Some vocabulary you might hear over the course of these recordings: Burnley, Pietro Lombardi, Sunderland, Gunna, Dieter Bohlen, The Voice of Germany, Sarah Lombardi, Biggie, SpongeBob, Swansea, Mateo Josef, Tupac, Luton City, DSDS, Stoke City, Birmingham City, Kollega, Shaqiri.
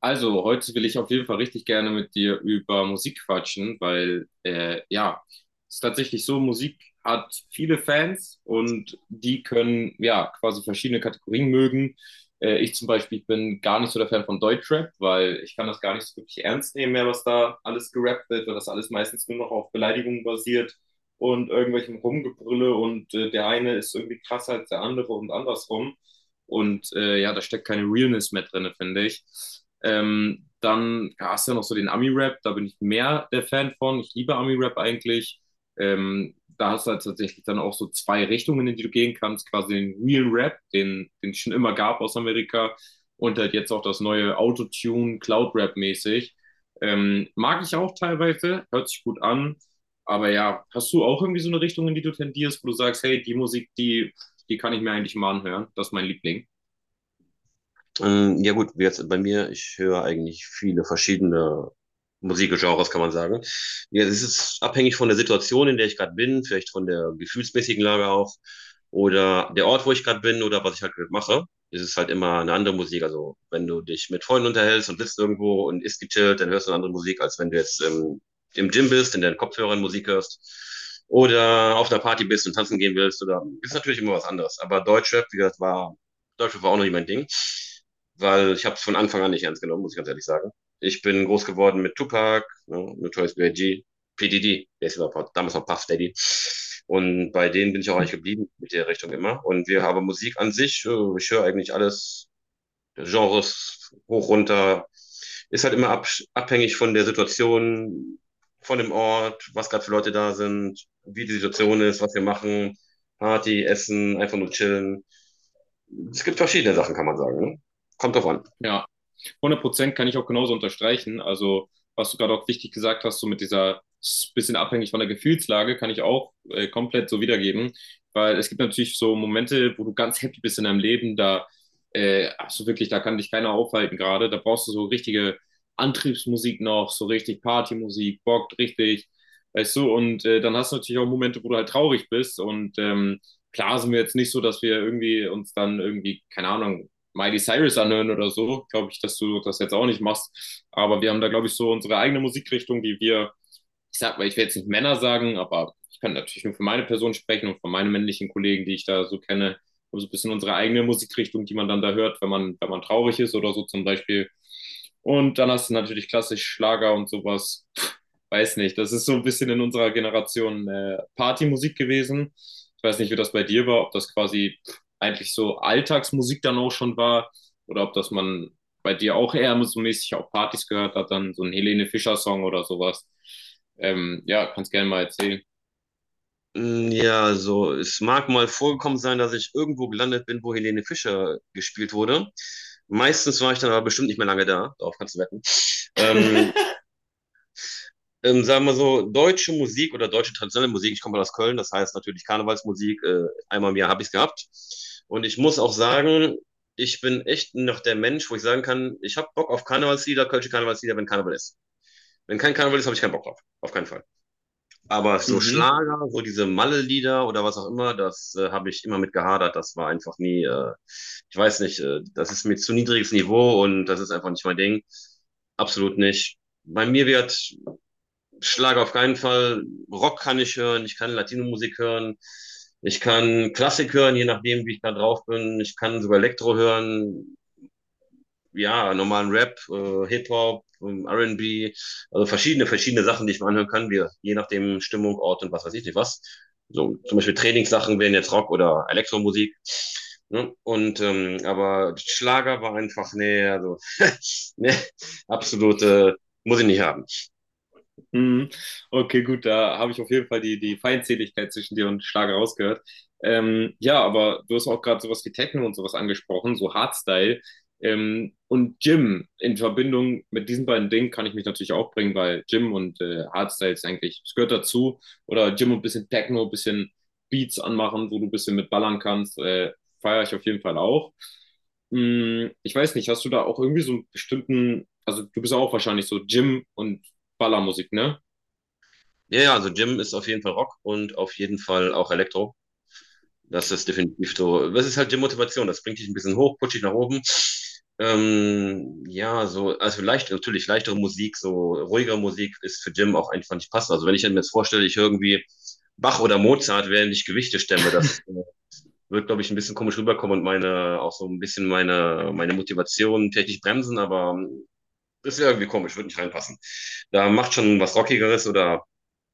Also, heute will ich auf jeden Fall richtig gerne mit dir über Musik quatschen, weil ja, es ist tatsächlich so, Musik hat viele Fans und die können ja quasi verschiedene Kategorien mögen. Ich zum Beispiel bin gar nicht so der Fan von Deutschrap, weil ich kann das gar nicht so wirklich ernst nehmen mehr, was da alles gerappt wird, weil das alles meistens nur noch auf Beleidigungen basiert und irgendwelchem Rumgebrülle und der eine ist irgendwie krasser als der andere und andersrum. Und ja, da steckt keine Realness mehr drin, finde ich. Dann ja, hast du ja noch so den Ami-Rap, da bin ich mehr der Fan von. Ich liebe Ami-Rap eigentlich. Da hast du halt tatsächlich dann auch so zwei Richtungen, in die du gehen kannst. Quasi den Real Rap, den es schon immer gab aus Amerika. Und halt jetzt auch das neue Autotune, Cloud Rap mäßig. Mag ich auch teilweise, hört sich gut an. Aber ja, hast du auch irgendwie so eine Richtung, in die du tendierst, wo du sagst, hey, die kann ich mir eigentlich mal anhören. Das ist mein Liebling. Ja gut, wie jetzt bei mir, ich höre eigentlich viele verschiedene Musikgenres, kann man sagen. Ja, es ist abhängig von der Situation, in der ich gerade bin, vielleicht von der gefühlsmäßigen Lage auch oder der Ort, wo ich gerade bin oder was ich halt gerade mache. Es ist halt immer eine andere Musik. Also wenn du dich mit Freunden unterhältst und sitzt irgendwo und isst gechillt, dann hörst du eine andere Musik, als wenn du jetzt im Gym bist, in deinen Kopfhörern Musik hörst oder auf einer Party bist und tanzen gehen willst. Oder ist natürlich immer was anderes. Aber Deutschrap, wie gesagt, war Deutschrap war auch noch nicht mein Ding, weil ich habe es von Anfang an nicht ernst genommen, muss ich ganz ehrlich sagen. Ich bin groß geworden mit Tupac, ne, Notorious B.I.G., PDD, der ist überhaupt damals noch Puff Daddy. Und bei denen bin ich auch eigentlich geblieben mit der Richtung immer. Und wir haben Musik an sich, ich höre eigentlich alles, Genres hoch, runter. Ist halt immer abhängig von der Situation, von dem Ort, was gerade für Leute da sind, wie die Situation ist, was wir machen, Party, Essen, einfach nur chillen. Es gibt verschiedene Sachen, kann man sagen. Ne? Kommt drauf an. Ja, 100% kann ich auch genauso unterstreichen. Also, was du gerade auch wichtig gesagt hast, so mit dieser bisschen abhängig von der Gefühlslage, kann ich auch komplett so wiedergeben. Weil es gibt natürlich so Momente, wo du ganz happy bist in deinem Leben, da hast du wirklich, da kann dich keiner aufhalten gerade. Da brauchst du so richtige Antriebsmusik noch, so richtig Partymusik, bockt richtig, weißt du. Und dann hast du natürlich auch Momente, wo du halt traurig bist und klar sind wir jetzt nicht so, dass wir keine Ahnung, Miley Cyrus anhören oder so, glaube ich, dass du das jetzt auch nicht machst. Aber wir haben da, glaube ich, so unsere eigene Musikrichtung, die wir. Ich sag mal, ich will jetzt nicht Männer sagen, aber ich kann natürlich nur für meine Person sprechen und für meine männlichen Kollegen, die ich da so kenne, Um so also ein bisschen unsere eigene Musikrichtung, die man dann da hört, wenn man traurig ist oder so zum Beispiel. Und dann hast du natürlich klassisch Schlager und sowas. Weiß nicht, das ist so ein bisschen in unserer Generation Partymusik gewesen. Ich weiß nicht, wie das bei dir war, ob das quasi eigentlich so Alltagsmusik dann auch schon war oder ob das man bei dir auch eher so mäßig auf Partys gehört hat, dann so ein Helene Fischer-Song oder sowas. Ja, kannst gerne mal erzählen. Mm, ja, also es mag mal vorgekommen sein, dass ich irgendwo gelandet bin, wo Helene Fischer gespielt wurde. Meistens war ich dann aber bestimmt nicht mehr lange da, darauf kannst du wetten. Ähm, sagen wir so, deutsche Musik oder deutsche traditionelle Musik, ich komme aus Köln, das heißt natürlich Karnevalsmusik, einmal im Jahr habe ich es gehabt. Und ich muss auch sagen, ich bin echt noch der Mensch, wo ich sagen kann, ich habe Bock auf Karnevalslieder, kölsche Karnevalslieder, wenn Karneval ist. Wenn kein Karneval ist, habe ich keinen Bock drauf, auf keinen Fall. Aber so Mhm. Schlager, so diese Malle-Lieder oder was auch immer, das habe ich immer mit gehadert. Das war einfach nie, ich weiß nicht, das ist mir zu niedriges Niveau und das ist einfach nicht mein Ding. Absolut nicht. Bei mir wird Schlager auf keinen Fall. Rock kann ich hören, ich kann Latino-Musik hören, ich kann Klassik hören, je nachdem, wie ich da drauf bin. Ich kann sogar Elektro hören, ja, normalen Rap, Hip-Hop, RB, also verschiedene Sachen, die ich mir anhören kann, wir, je nachdem Stimmung, Ort und was weiß ich nicht was. So, zum Beispiel Trainingssachen wären jetzt Rock oder Elektromusik. Ne? Und aber Schlager war einfach, nee, also nee, absolute, muss ich nicht haben. Mhm. Okay, gut, da habe ich auf jeden Fall die Feindseligkeit zwischen dir und Schlager rausgehört. Ja, aber du hast auch gerade sowas wie Techno und sowas angesprochen, so Hardstyle. Und Gym in Verbindung mit diesen beiden Dingen kann ich mich natürlich auch bringen, weil Gym und Hardstyle ist eigentlich, es gehört dazu. Oder Gym und ein bisschen Techno, ein bisschen Beats anmachen, wo du ein bisschen mit ballern kannst, feiere ich auf jeden Fall auch. Ich weiß nicht, hast du da auch irgendwie so einen bestimmten, also du bist auch wahrscheinlich so Gym und Ballermusik, ne? Ja, ja, also Jim ist auf jeden Fall Rock und auf jeden Fall auch Elektro. Das ist definitiv so. Das ist halt die Motivation. Das bringt dich ein bisschen hoch, pusht dich nach oben. Ja, so, also leicht, natürlich leichtere Musik, so ruhigere Musik ist für Jim auch einfach nicht passend. Also wenn ich mir jetzt vorstelle, ich höre irgendwie Bach oder Mozart, während ich Gewichte stemme, das wird, glaube ich, ein bisschen komisch rüberkommen und meine, auch so ein bisschen meine Motivation technisch bremsen, aber ist ja irgendwie komisch, wird nicht reinpassen. Da macht schon was Rockigeres oder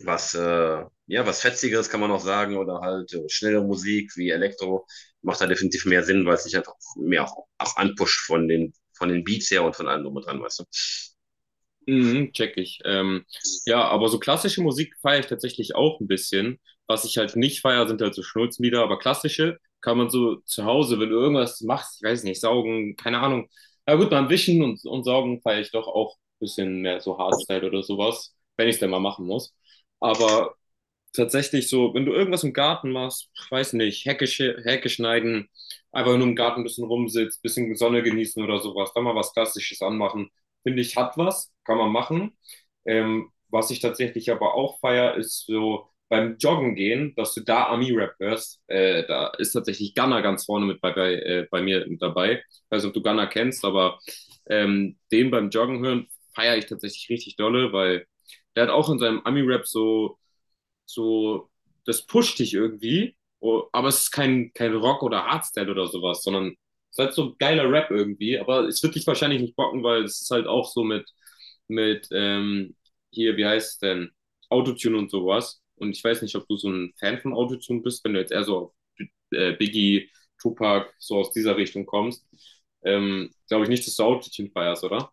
was, ja, was Fetzigeres kann man noch sagen oder halt schnelle Musik wie Elektro macht da definitiv mehr Sinn, weil es sich einfach mehr auch anpusht von den Beats her und von allem drum und dran, weißt du. Mhm, check ich. Ja, aber so klassische Musik feiere ich tatsächlich auch ein bisschen. Was ich halt nicht feiere, sind halt so Schnulzenlieder, aber klassische kann man so zu Hause, wenn du irgendwas machst, ich weiß nicht, saugen, keine Ahnung. Na gut, beim Wischen und Saugen feiere ich doch auch ein bisschen mehr so Hardstyle oder sowas, wenn ich es denn mal machen muss. Aber tatsächlich so, wenn du irgendwas im Garten machst, weiß nicht, Hecke schneiden, einfach nur im Garten ein bisschen rumsitzt, bisschen Sonne genießen oder sowas, dann mal was Klassisches anmachen, finde ich, hat was, kann man machen. Was ich tatsächlich aber auch feier, ist so beim Joggen gehen, dass du da Ami-Rap hörst. Da ist tatsächlich Gunna ganz vorne mit bei mir mit dabei. Ich weiß nicht, ob du Gunna kennst, aber den beim Joggen hören feiere ich tatsächlich richtig dolle, weil der hat auch in seinem Ami-Rap so, das pusht dich irgendwie, oh, aber es ist kein Rock oder Hardstyle oder sowas, sondern es ist halt so geiler Rap irgendwie, aber es wird dich wahrscheinlich nicht bocken, weil es ist halt auch so mit hier, wie heißt es denn, Autotune und sowas. Und ich weiß nicht, ob du so ein Fan von Autotune bist, wenn du jetzt eher so auf Biggie, Tupac, so aus dieser Richtung kommst. Glaube ich nicht, dass du Autotune feierst, oder?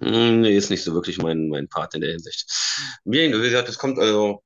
Hm, nee, ist nicht so wirklich mein Part in der Hinsicht. Wie gesagt, es kommt also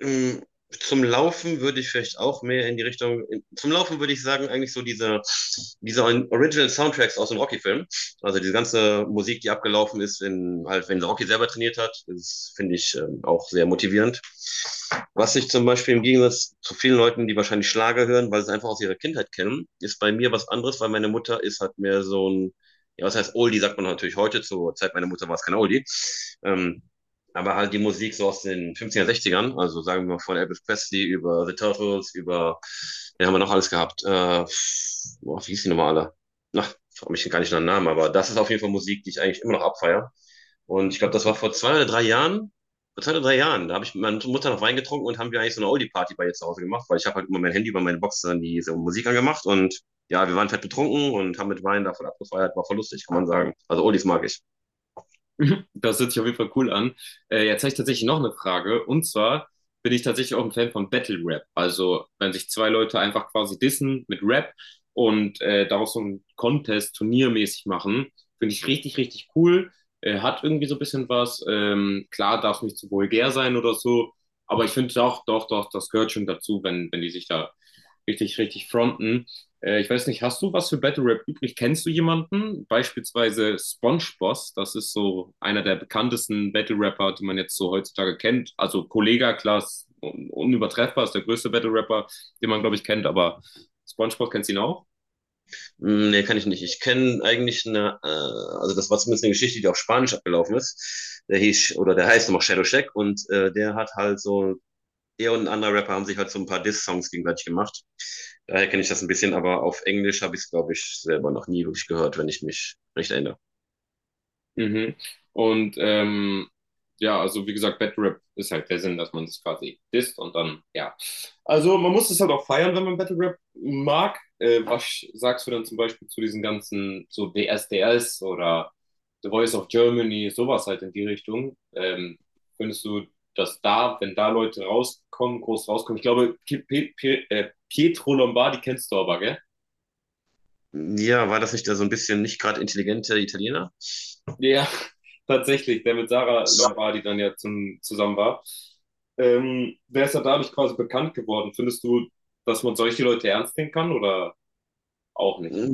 mh, zum Laufen würde ich vielleicht auch mehr in die zum Laufen würde ich sagen, eigentlich so diese Original Soundtracks aus dem Rocky-Film. Also diese ganze Musik, die abgelaufen ist, in, halt, wenn Rocky selber trainiert hat, das finde ich auch sehr motivierend. Was ich zum Beispiel im Gegensatz zu vielen Leuten, die wahrscheinlich Schlager hören, weil sie es einfach aus ihrer Kindheit kennen, ist bei mir was anderes, weil meine Mutter ist halt mehr so ein, ja, was heißt Oldie, sagt man natürlich heute, zur Zeit meiner Mutter war es kein Oldie. Ähm, aber halt die Musik so aus den 50er, ern also sagen wir mal von Elvis Presley über The Turtles, über, den haben wir noch alles gehabt. Boah, wie hieß die nochmal alle? Na, frag mich gar nicht nach dem Namen, aber das ist auf jeden Fall Musik, die ich eigentlich immer noch abfeiere. Und ich glaube, das war vor zwei oder drei Jahren, da habe ich mit meiner Mutter noch Wein getrunken und haben wir eigentlich so eine Oldie-Party bei ihr zu Hause gemacht, weil ich habe halt immer mein Handy über meine Box dann diese Musik angemacht und ja, wir waren fett betrunken und haben mit Wein davon abgefeiert, war voll lustig, kann man sagen. Also Oldies mag ich. Das hört sich auf jeden Fall cool an. Jetzt habe ich tatsächlich noch eine Frage. Und zwar bin ich tatsächlich auch ein Fan von Battle Rap. Also, wenn sich zwei Leute einfach quasi dissen mit Rap und daraus so ein Contest turniermäßig machen, finde ich richtig, richtig cool. Hat irgendwie so ein bisschen was. Klar, darf es nicht zu vulgär sein oder so. Aber ich finde doch, doch, doch, das gehört schon dazu, wenn die sich da richtig, richtig fronten. Ich weiß nicht, hast du was für Battle Rap übrig? Kennst du jemanden? Beispielsweise SpongeBob. Das ist so einer der bekanntesten Battle Rapper, die man jetzt so heutzutage kennt. Also Kollega, klar, ist un unübertreffbar, ist der größte Battle Rapper, den man, glaube ich, kennt, aber SpongeBob kennst du ihn auch? Mm, nee, kann ich nicht. Ich kenne eigentlich eine, also das war zumindest eine Geschichte, die auf Spanisch abgelaufen ist. Der hieß, oder der heißt nochmal Shadow Shack und der hat halt so, er und ein anderer Rapper haben sich halt so ein paar Diss-Songs gegenseitig gemacht. Daher kenne ich das ein bisschen, aber auf Englisch habe ich es, glaube ich, selber noch nie wirklich gehört, wenn ich mich recht erinnere. Mhm. Und ja, also wie gesagt, Battle Rap ist halt der Sinn, dass man das quasi disst und dann, ja. Also man muss es halt auch feiern, wenn man Battle Rap mag. Was sagst du dann zum Beispiel zu diesen ganzen, so DSDS oder The Voice of Germany, sowas halt in die Richtung? Findest du, dass da, wenn da Leute rauskommen, groß rauskommen? Ich glaube, P P P Pietro Lombardi kennst du aber, gell? Ja, war das nicht der so ein bisschen nicht gerade intelligente Italiener? Ja, tatsächlich, der mit Sarah Ja, Lombardi dann ja zusammen war. Der ist ja dadurch quasi bekannt geworden. Findest du, dass man solche Leute ernst nehmen kann oder auch nicht?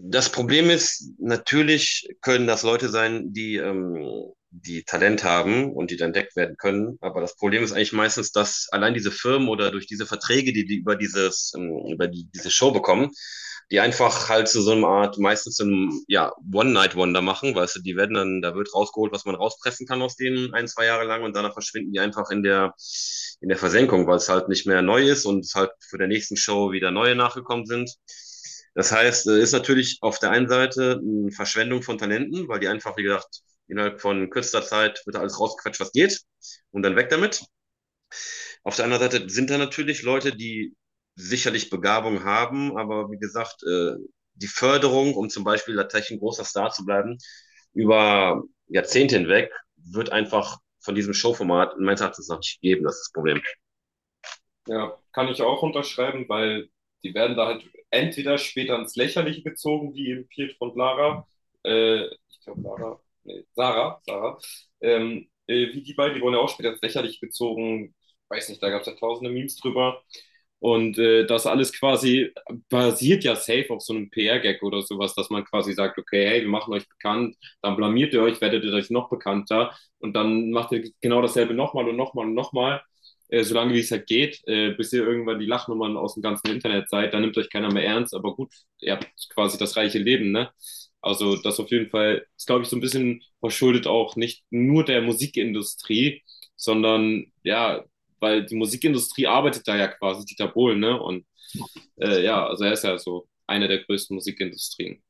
das Problem ist, natürlich können das Leute sein, die, die Talent haben und die dann entdeckt werden können. Aber das Problem ist eigentlich meistens, dass allein diese Firmen oder durch diese Verträge, die die über dieses, diese Show bekommen, die einfach halt zu so einer Art, meistens so einem, ja, One-Night-Wonder machen, weißt du, die werden dann, da wird rausgeholt, was man rauspressen kann aus denen ein, zwei Jahre lang und danach verschwinden die einfach in der Versenkung, weil es halt nicht mehr neu ist und es halt für der nächsten Show wieder neue nachgekommen sind. Das heißt, ist natürlich auf der einen Seite eine Verschwendung von Talenten, weil die einfach, wie gesagt, innerhalb von kürzester Zeit wird da alles rausgequetscht, was geht, und dann weg damit. Auf der anderen Seite sind da natürlich Leute, die sicherlich Begabung haben, aber wie gesagt, die Förderung, um zum Beispiel tatsächlich ein großer Star zu bleiben, über Jahrzehnte hinweg, wird einfach von diesem Showformat meines Erachtens noch nicht geben. Das ist das Problem. Ja, kann ich auch unterschreiben, weil die werden da halt entweder später ins Lächerliche gezogen, wie eben Pietro und Lara, ich glaube Lara, nee, Sarah, Sarah, wie die beiden, die wurden ja auch später ins Lächerliche gezogen, weiß nicht, da gab es ja tausende Memes drüber. Und das alles quasi basiert ja safe auf so einem PR-Gag oder sowas, dass man quasi sagt, okay, hey, wir machen euch bekannt, dann blamiert ihr euch, werdet ihr euch noch bekannter und dann macht ihr genau dasselbe nochmal und nochmal und nochmal, solange wie es halt geht, bis ihr irgendwann die Lachnummern aus dem ganzen Internet seid, dann nimmt euch keiner mehr ernst, aber gut, ihr habt quasi das reiche Leben, ne? Also das auf jeden Fall ist, glaube ich, so ein bisschen verschuldet auch nicht nur der Musikindustrie, sondern ja, weil die Musikindustrie arbeitet da ja quasi, Dieter Bohlen, ne? Und ja, also er ist ja so eine der größten Musikindustrien.